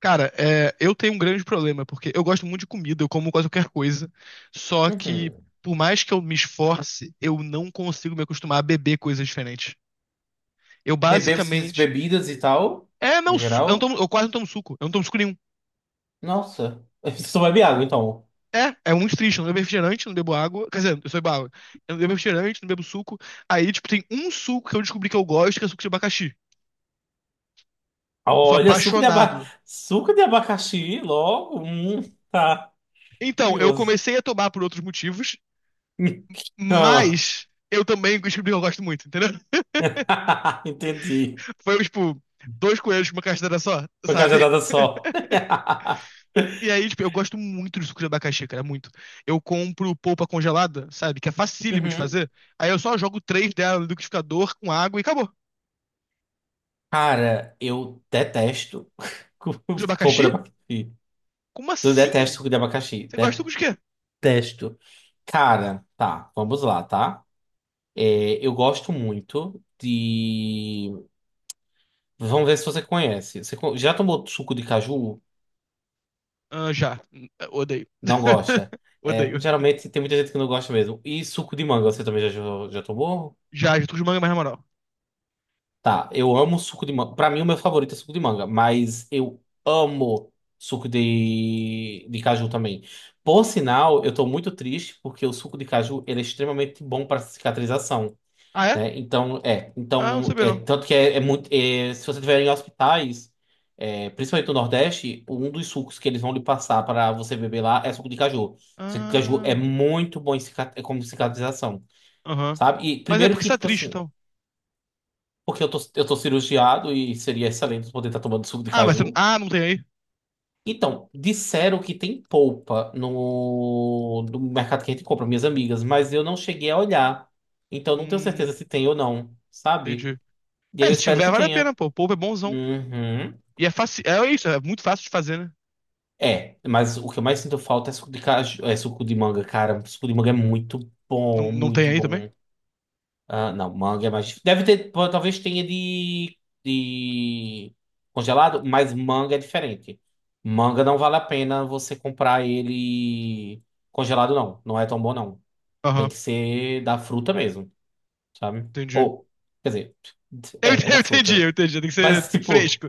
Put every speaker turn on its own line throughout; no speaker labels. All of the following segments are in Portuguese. Cara, eu tenho um grande problema, porque eu gosto muito de comida, eu como quase qualquer coisa, só que
Uhum.
por mais que eu me esforce, eu não consigo me acostumar a beber coisas diferentes. Eu
Beber, você disse
basicamente.
bebidas e tal,
É,
em
não,
geral.
eu quase não tomo suco, eu não tomo suco nenhum.
Nossa, você só bebe água, então.
É muito triste, eu não bebo refrigerante, não bebo água, quer dizer, eu sou água. Eu não bebo refrigerante, não bebo suco. Aí, tipo, tem um suco que eu descobri que eu gosto, que é suco de abacaxi. Eu sou
Olha,
apaixonado.
suco de abacaxi, logo. Tá,
Então, eu
curioso.
comecei a tomar por outros motivos,
Ah.
mas eu também descobri que eu gosto muito, entendeu?
Entendi.
Foi, tipo, dois coelhos com uma castanha só,
Foi
sabe?
cajadada só.
E aí, tipo, eu gosto muito de suco de abacaxi, cara, muito. Eu compro polpa congelada, sabe? Que é facílimo de
Uhum.
fazer. Aí eu só jogo três dela no liquidificador com água e acabou. Suco
Cara, eu detesto
de
polpa de
abacaxi?
abacaxi.
Como
Eu detesto
assim?
suco de abacaxi.
Você gosta de suco de quê?
Detesto. Cara, tá, vamos lá, tá? É, eu gosto muito de. Vamos ver se você conhece. Já tomou suco de caju?
Ah, já. Odeio.
Não gosta?
Odeio.
É, geralmente tem muita gente que não gosta mesmo. E suco de manga, você também já, já tomou?
Já, já, suco de manga é mais na moral.
Tá, eu amo suco de manga. Pra mim, o meu favorito é suco de manga, mas eu amo suco de caju também. Por sinal, eu tô muito triste porque o suco de caju ele é extremamente bom para cicatrização,
Ah, é?
né?
Ah, não
Então,
sabia,
é,
não.
tanto que é, é muito, é, se você tiver em hospitais, é, principalmente no Nordeste, um dos sucos que eles vão lhe passar para você beber lá é suco de caju. Suco de caju é
Ah,
muito bom em é como cicatrização,
aham.
sabe? E
Mas é
primeiro
porque
que,
você tá
tipo
triste,
assim,
então.
porque eu tô cirurgiado e seria excelente poder estar tomando suco de
Ah, mas você...
caju.
Ah, não tem aí?
Então, disseram que tem polpa no mercado que a gente compra, minhas amigas, mas eu não cheguei a olhar. Então, não tenho certeza
Hum,
se tem ou não, sabe?
entendi.
E aí
É,
eu
se
espero
tiver,
que
vale a
tenha.
pena, pô. Polpa é bonzão.
Uhum.
E é fácil. É isso, é muito fácil de fazer, né?
É, mas o que eu mais sinto falta é suco de caju, é suco de manga, cara. Suco de manga é muito
Não,
bom,
não tem
muito
aí também?
bom. Ah, não, manga é mais difícil. Deve ter, pô, talvez tenha de, de congelado, mas manga é diferente. Manga não vale a pena você comprar ele congelado, não. Não é tão bom, não. Tem
Aham,
que ser da fruta mesmo, sabe?
entendi.
Ou, quer dizer, é, da
Eu entendi,
fruta, né?
eu entendi. Tem que ser
Mas,
tem que ser
tipo.
fresco.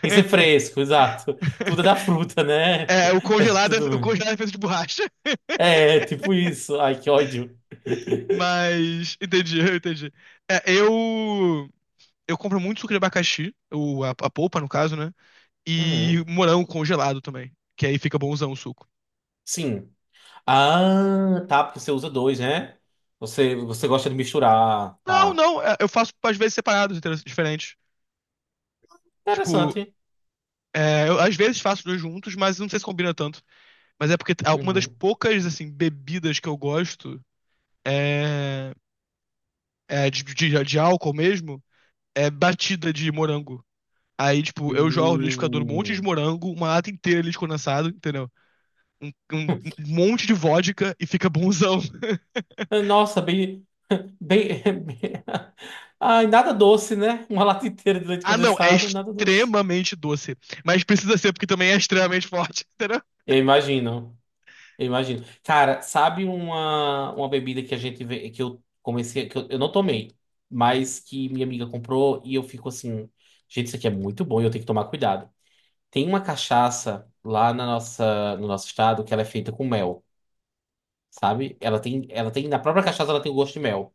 Tem que ser fresco, exato. Tudo é da fruta, né?
É, o congelado, o
Tudo.
congelado é feito de borracha.
É, tipo isso. Ai, que ódio.
Mas. Entendi, eu entendi. É, eu. Eu compro muito suco de abacaxi, a polpa, no caso, né? E
Uhum.
morango congelado também. Que aí fica bonzão o suco.
Sim. Ah, tá, porque você usa dois, né? Você, gosta de misturar,
Não,
tá.
não, é, eu faço às vezes separados, entendeu? Diferentes. Tipo,
Interessante.
eu às vezes faço dois juntos, mas não sei se combina tanto. Mas é porque uma das
Uhum.
poucas, assim, bebidas que eu gosto é, é de álcool mesmo, é batida de morango. Aí, tipo, eu jogo no liquidificador um monte de
Hum.
morango, uma lata inteira de leite condensado, entendeu? Um, um- um monte de vodka e fica bonzão.
Nossa, bem, bem, bem- Ai, nada doce, né? Uma lata inteira de leite
Ah, não, é
condensado, nada doce.
extremamente doce. Mas precisa ser porque também é extremamente forte, entendeu?
Eu imagino. Eu imagino. Cara, sabe uma bebida que a gente vê, que eu comecei, que eu não tomei, mas que minha amiga comprou e eu fico assim, gente, isso aqui é muito bom e eu tenho que tomar cuidado. Tem uma cachaça lá no nosso estado que ela é feita com mel, sabe? Ela tem, na própria cachaça ela tem o gosto de mel.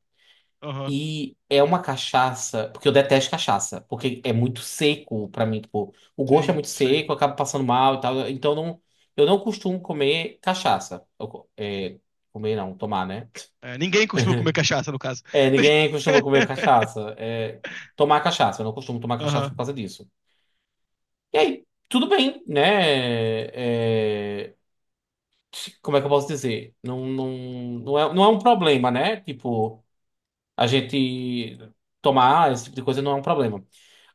Aham,
E é uma cachaça, porque eu detesto cachaça, porque é muito seco pra mim, tipo, o gosto é
sim,
muito
sim.
seco, eu acabo passando mal e tal, então não, eu não costumo comer cachaça. Comer não, tomar, né?
É, ninguém costuma comer cachaça, no caso.
É, ninguém costuma comer cachaça, tomar cachaça, eu não costumo tomar cachaça por
Aham,
causa disso. E aí, tudo bem, né? É, como é que eu posso dizer? Não, não, não é um problema, né? Tipo, a gente tomar esse tipo de coisa não é um problema.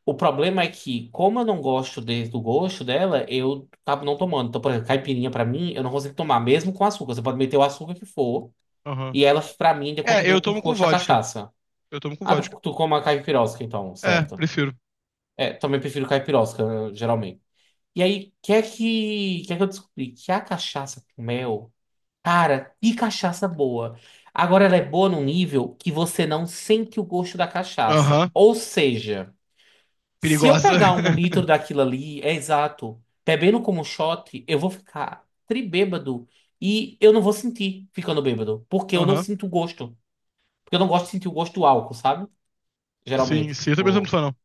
O problema é que, como eu não do gosto dela, eu acabo não tomando. Então, por exemplo, caipirinha pra mim, eu não consigo tomar, mesmo com açúcar. Você pode meter o açúcar que for,
aham.
e ela, pra mim, ainda
É, eu
continua com o
tomo com
gosto da
vodka.
cachaça.
Eu tomo com
Ah,
vodka.
tu come a caipirosca, então,
É,
certo?
prefiro.
É, também prefiro caipirosca, geralmente. E aí, o que é que, eu descobri? Que a cachaça com mel, cara, que cachaça boa. Agora ela é boa num nível que você não sente o gosto da cachaça.
Aham,
Ou seja. Se eu
perigosa.
pegar um litro daquilo ali, é exato, bebendo como shot, eu vou ficar tribêbado e eu não vou sentir ficando bêbado, porque eu não
Aham,
sinto gosto. Porque eu não gosto de sentir o gosto do álcool, sabe?
sim,
Geralmente,
sim. Eu também não sou muito
tipo.
fã, não.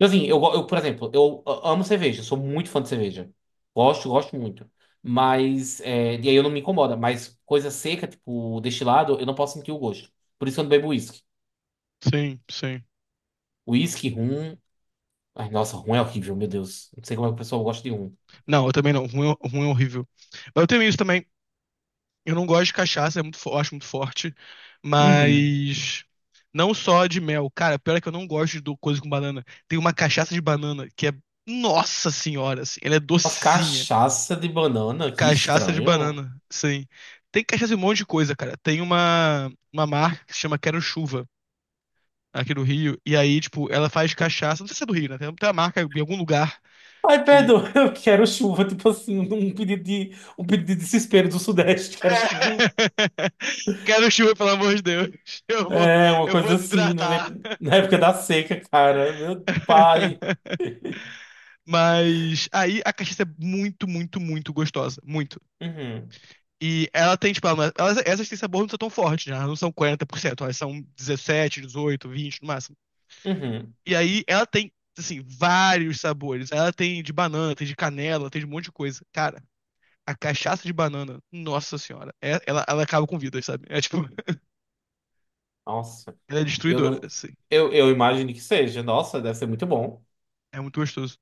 Assim, por exemplo, eu amo cerveja, sou muito fã de cerveja. Gosto muito. Mas, e aí eu não me incomoda, mas coisa seca, tipo destilado, eu não posso sentir o gosto. Por isso que eu não bebo uísque.
Sim, sim.
Uísque, rum. Ai, nossa, rum é horrível, meu Deus. Não sei como é que o pessoal gosta de rum.
Não, eu também não. Ruim, ruim é horrível. Mas eu tenho isso também. Eu não gosto de cachaça, é muito, eu acho muito forte.
Uhum.
Mas não só de mel. Cara, pior é que eu não gosto de coisa com banana. Tem uma cachaça de banana que é. Nossa senhora, assim, ela é
Mas
docinha.
cachaça de banana, que
Cachaça de
estranho.
banana, sim. Tem cachaça de um monte de coisa, cara. Tem uma marca que se chama Quero Chuva. Aqui do Rio. E aí, tipo, ela faz cachaça. Não sei se é do Rio, né? Tem uma marca em algum lugar
Ai,
que.
perdoa, eu quero chuva, tipo assim, um pedido de desespero do Sudeste, quero chuva.
Quero chuva, pelo amor de Deus. Eu vou,
É, uma
eu vou
coisa assim, né,
desidratar.
na época da seca, cara, meu pai.
Mas aí a cachaça é muito, muito, muito gostosa. Muito.
Uhum,
E ela tem, tipo, essas têm sabor, não são tão fortes, né? Elas não são 40%, elas são 17, 18, 20 no máximo.
uhum.
E aí ela tem, assim, vários sabores. Ela tem de banana, tem de canela, tem de um monte de coisa. Cara, a cachaça de banana, nossa senhora, ela acaba com vidas, sabe? É tipo,
Nossa,
ela é
eu
destruidora,
não.
assim.
Eu imagino que seja, nossa, deve ser muito bom.
É muito gostoso.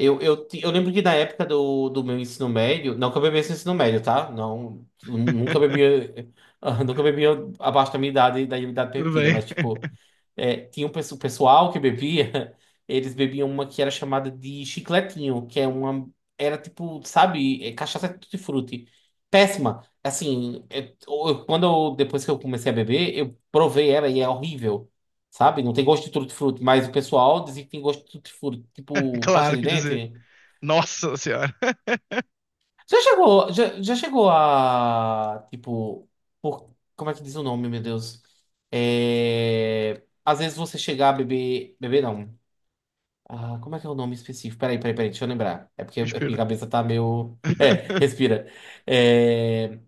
Eu lembro que na época do meu ensino médio, não que eu bebesse no ensino médio, tá? Não, eu nunca bebia, nunca bebia abaixo da minha idade, da idade
Tudo
permitida,
bem.
mas tipo, tinha um pessoal que bebia, eles bebiam uma que era chamada de chicletinho, que é uma, era tipo, sabe, é cachaça tutti-frutti. Péssima. Assim, quando depois que eu comecei a beber, eu provei ela e é horrível. Sabe? Não tem gosto de tutti-frutti, mas o pessoal diz que tem gosto de tutti-frutti, tipo pasta
Claro
de
que dizer.
dente.
Nossa senhora.
Já chegou a, tipo, por, como é que diz o nome, meu Deus? É, às vezes você chegar a beber, beber não. Ah, como é que é o nome específico? Peraí, peraí, peraí, deixa eu lembrar. É porque a minha
Respira.
cabeça tá meio. É, respira. É,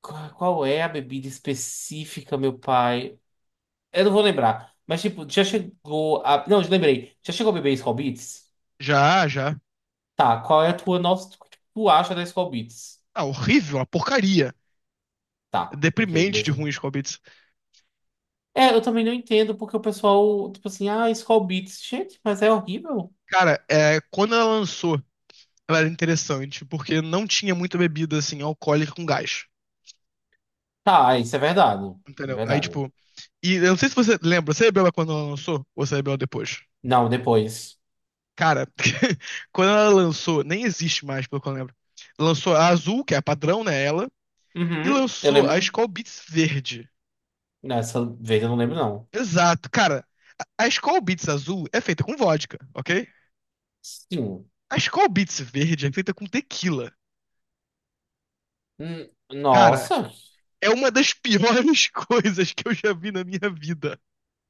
Qual é a bebida específica, meu pai? Eu não vou lembrar. Mas, tipo, já chegou a. Não, já lembrei. Já chegou a beber Skol Beats?
Já, já.
Tá, qual é a tua nossa, o que tu acha da Skol Beats?
Ah, horrível, uma porcaria.
Tá, ok,
Deprimente de
mesmo.
ruim Scovitz.
É, eu também não entendo porque o pessoal, tipo assim, ah, Skol Beats, gente, mas é horrível.
Cara, quando ela lançou, ela era interessante, porque não tinha muita bebida, assim, alcoólica com gás.
Tá, ah, isso é verdade. É
Entendeu? Aí,
verdade.
tipo. E eu não sei se você lembra, você bebeu ela quando ela lançou? Ou você bebeu ela depois?
Não, depois.
Cara, quando ela lançou, nem existe mais, pelo que eu lembro. Lançou a azul, que é a padrão, né? Ela. E
Uhum, eu
lançou a
lembro.
Skol Beats verde.
Nessa vez eu não lembro, não.
Exato, cara. A Skol Beats azul é feita com vodka, ok?
Sim.
A Skol Beats verde é feita com tequila. Cara,
Nossa,
é uma das piores coisas que eu já vi na minha vida.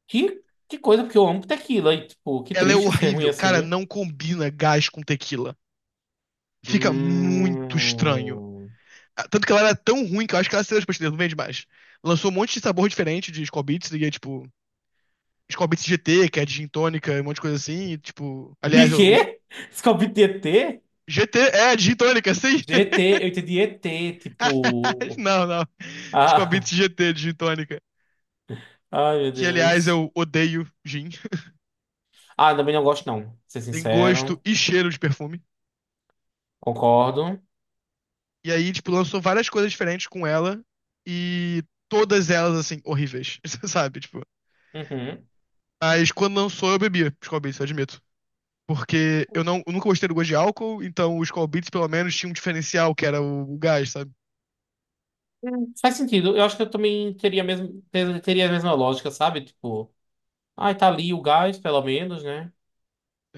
que coisa, porque eu amo tequila e, tipo, que
Ela é
triste ser ruim
horrível. Cara,
assim.
não combina gás com tequila. Fica muito estranho.
Hum.
Ah, tanto que ela era tão ruim que eu acho que ela saiu das prateleiras, não vende mais. Lançou um monte de sabor diferente de Skol Beats e é tipo. Scobits GT, que é digintônica, e um monte de coisa assim, e, tipo,
De
aliás, o
quê? Scooby-DT?
GT é digintônica, sim?
GT, eu entendi ET, tipo.
Não, não.
Ah,
Scobits GT digintônica,
ai, meu
que aliás
Deus.
eu odeio gin,
Ah, também não gosto, não. Pra ser
tem gosto
sincero,
e cheiro de perfume.
concordo.
E aí, tipo, lançou várias coisas diferentes com ela e todas elas assim horríveis, sabe, tipo.
Uhum.
Mas quando lançou eu bebia Scobits, eu admito. Porque eu, não, eu nunca gostei do gosto de álcool, então os Scol pelo menos, tinham um diferencial, que era o gás, sabe?
Faz sentido. Eu acho que eu também teria mesmo, teria a mesma lógica, sabe? Tipo, ai, tá ali o gás, pelo menos, né?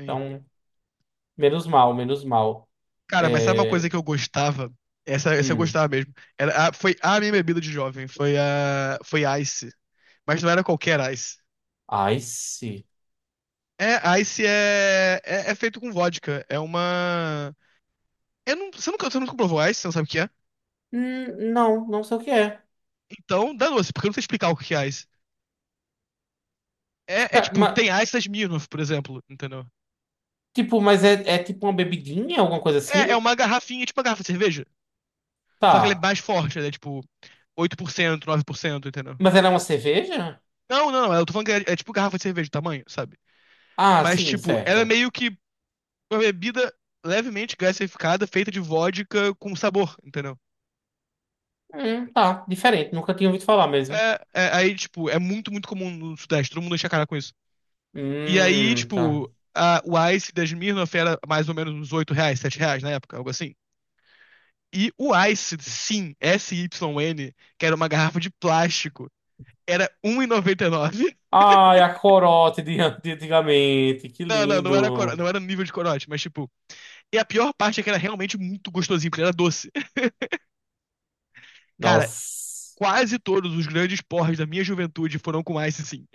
Então, menos mal, menos mal.
Cara, mas sabe uma coisa
É.
que eu gostava? Essa eu
Hum.
gostava mesmo. Foi a minha bebida de jovem, foi Ice. Mas não era qualquer Ice.
Ai, sim.
É, Ice é feito com vodka. É uma. Eu não, você, nunca, Você nunca provou Ice, você não sabe o que é?
Não, não sei o que é.
Então, dá doce, porque eu não sei explicar o que é Ice. É
Tá,
tipo, tem Ice das Smirnoff, por exemplo, entendeu?
tipo, mas é tipo uma bebidinha, alguma coisa
É
assim?
uma garrafinha, tipo uma garrafa de cerveja. Só que ela é
Tá.
mais forte, ela é tipo 8%, 9%, entendeu?
Mas ela é uma cerveja?
Não, não, eu tô falando que é tipo garrafa de cerveja, o tamanho, sabe?
Ah,
Mas,
sim,
tipo, ela é
certo.
meio que uma bebida levemente gaseificada, feita de vodka com sabor, entendeu?
Tá, diferente. Nunca tinha ouvido falar mesmo.
Aí, tipo, é muito, muito comum no Sudeste, todo mundo enche a cara com isso. E aí,
Tá.
tipo, o Ice da Smirnoff era mais ou menos uns R$ 8, R$ 7 na época, algo assim. E o Ice, sim, SYN, que era uma garrafa de plástico, era um e noventa e nove.
Ai, a corote de antigamente, que
Não, não, não era,
lindo.
não era nível de corote, mas tipo. E a pior parte é que era realmente muito gostosinho, porque era doce. Cara,
Nossa.
quase todos os grandes porres da minha juventude foram com Ice, sim.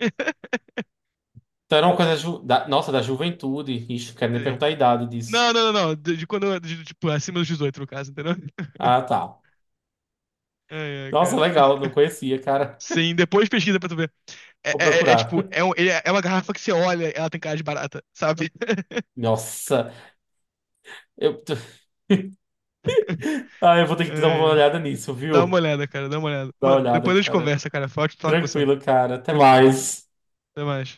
Então era uma coisa da juventude. Ixi, não quero nem perguntar a idade disso.
Não, não, não, não. De quando eu, tipo, acima dos 18, no caso, entendeu?
Ah, tá.
Ai, ai,
Nossa,
cara.
legal, não conhecia, cara.
Sim, depois pesquisa pra tu ver. É,
Vou
é- é- é
procurar.
tipo, é uma garrafa que você olha, ela tem cara de barata, sabe?
Nossa, eu, ah, eu vou ter
Ai,
que dar uma
ai.
olhada nisso,
Dá uma
viu?
olhada, cara, dá uma olhada.
Dá uma
Mano,
olhada,
depois a gente
cara.
conversa, cara. Foi ótimo falar com você.
Tranquilo, cara. Até mais.
Até mais.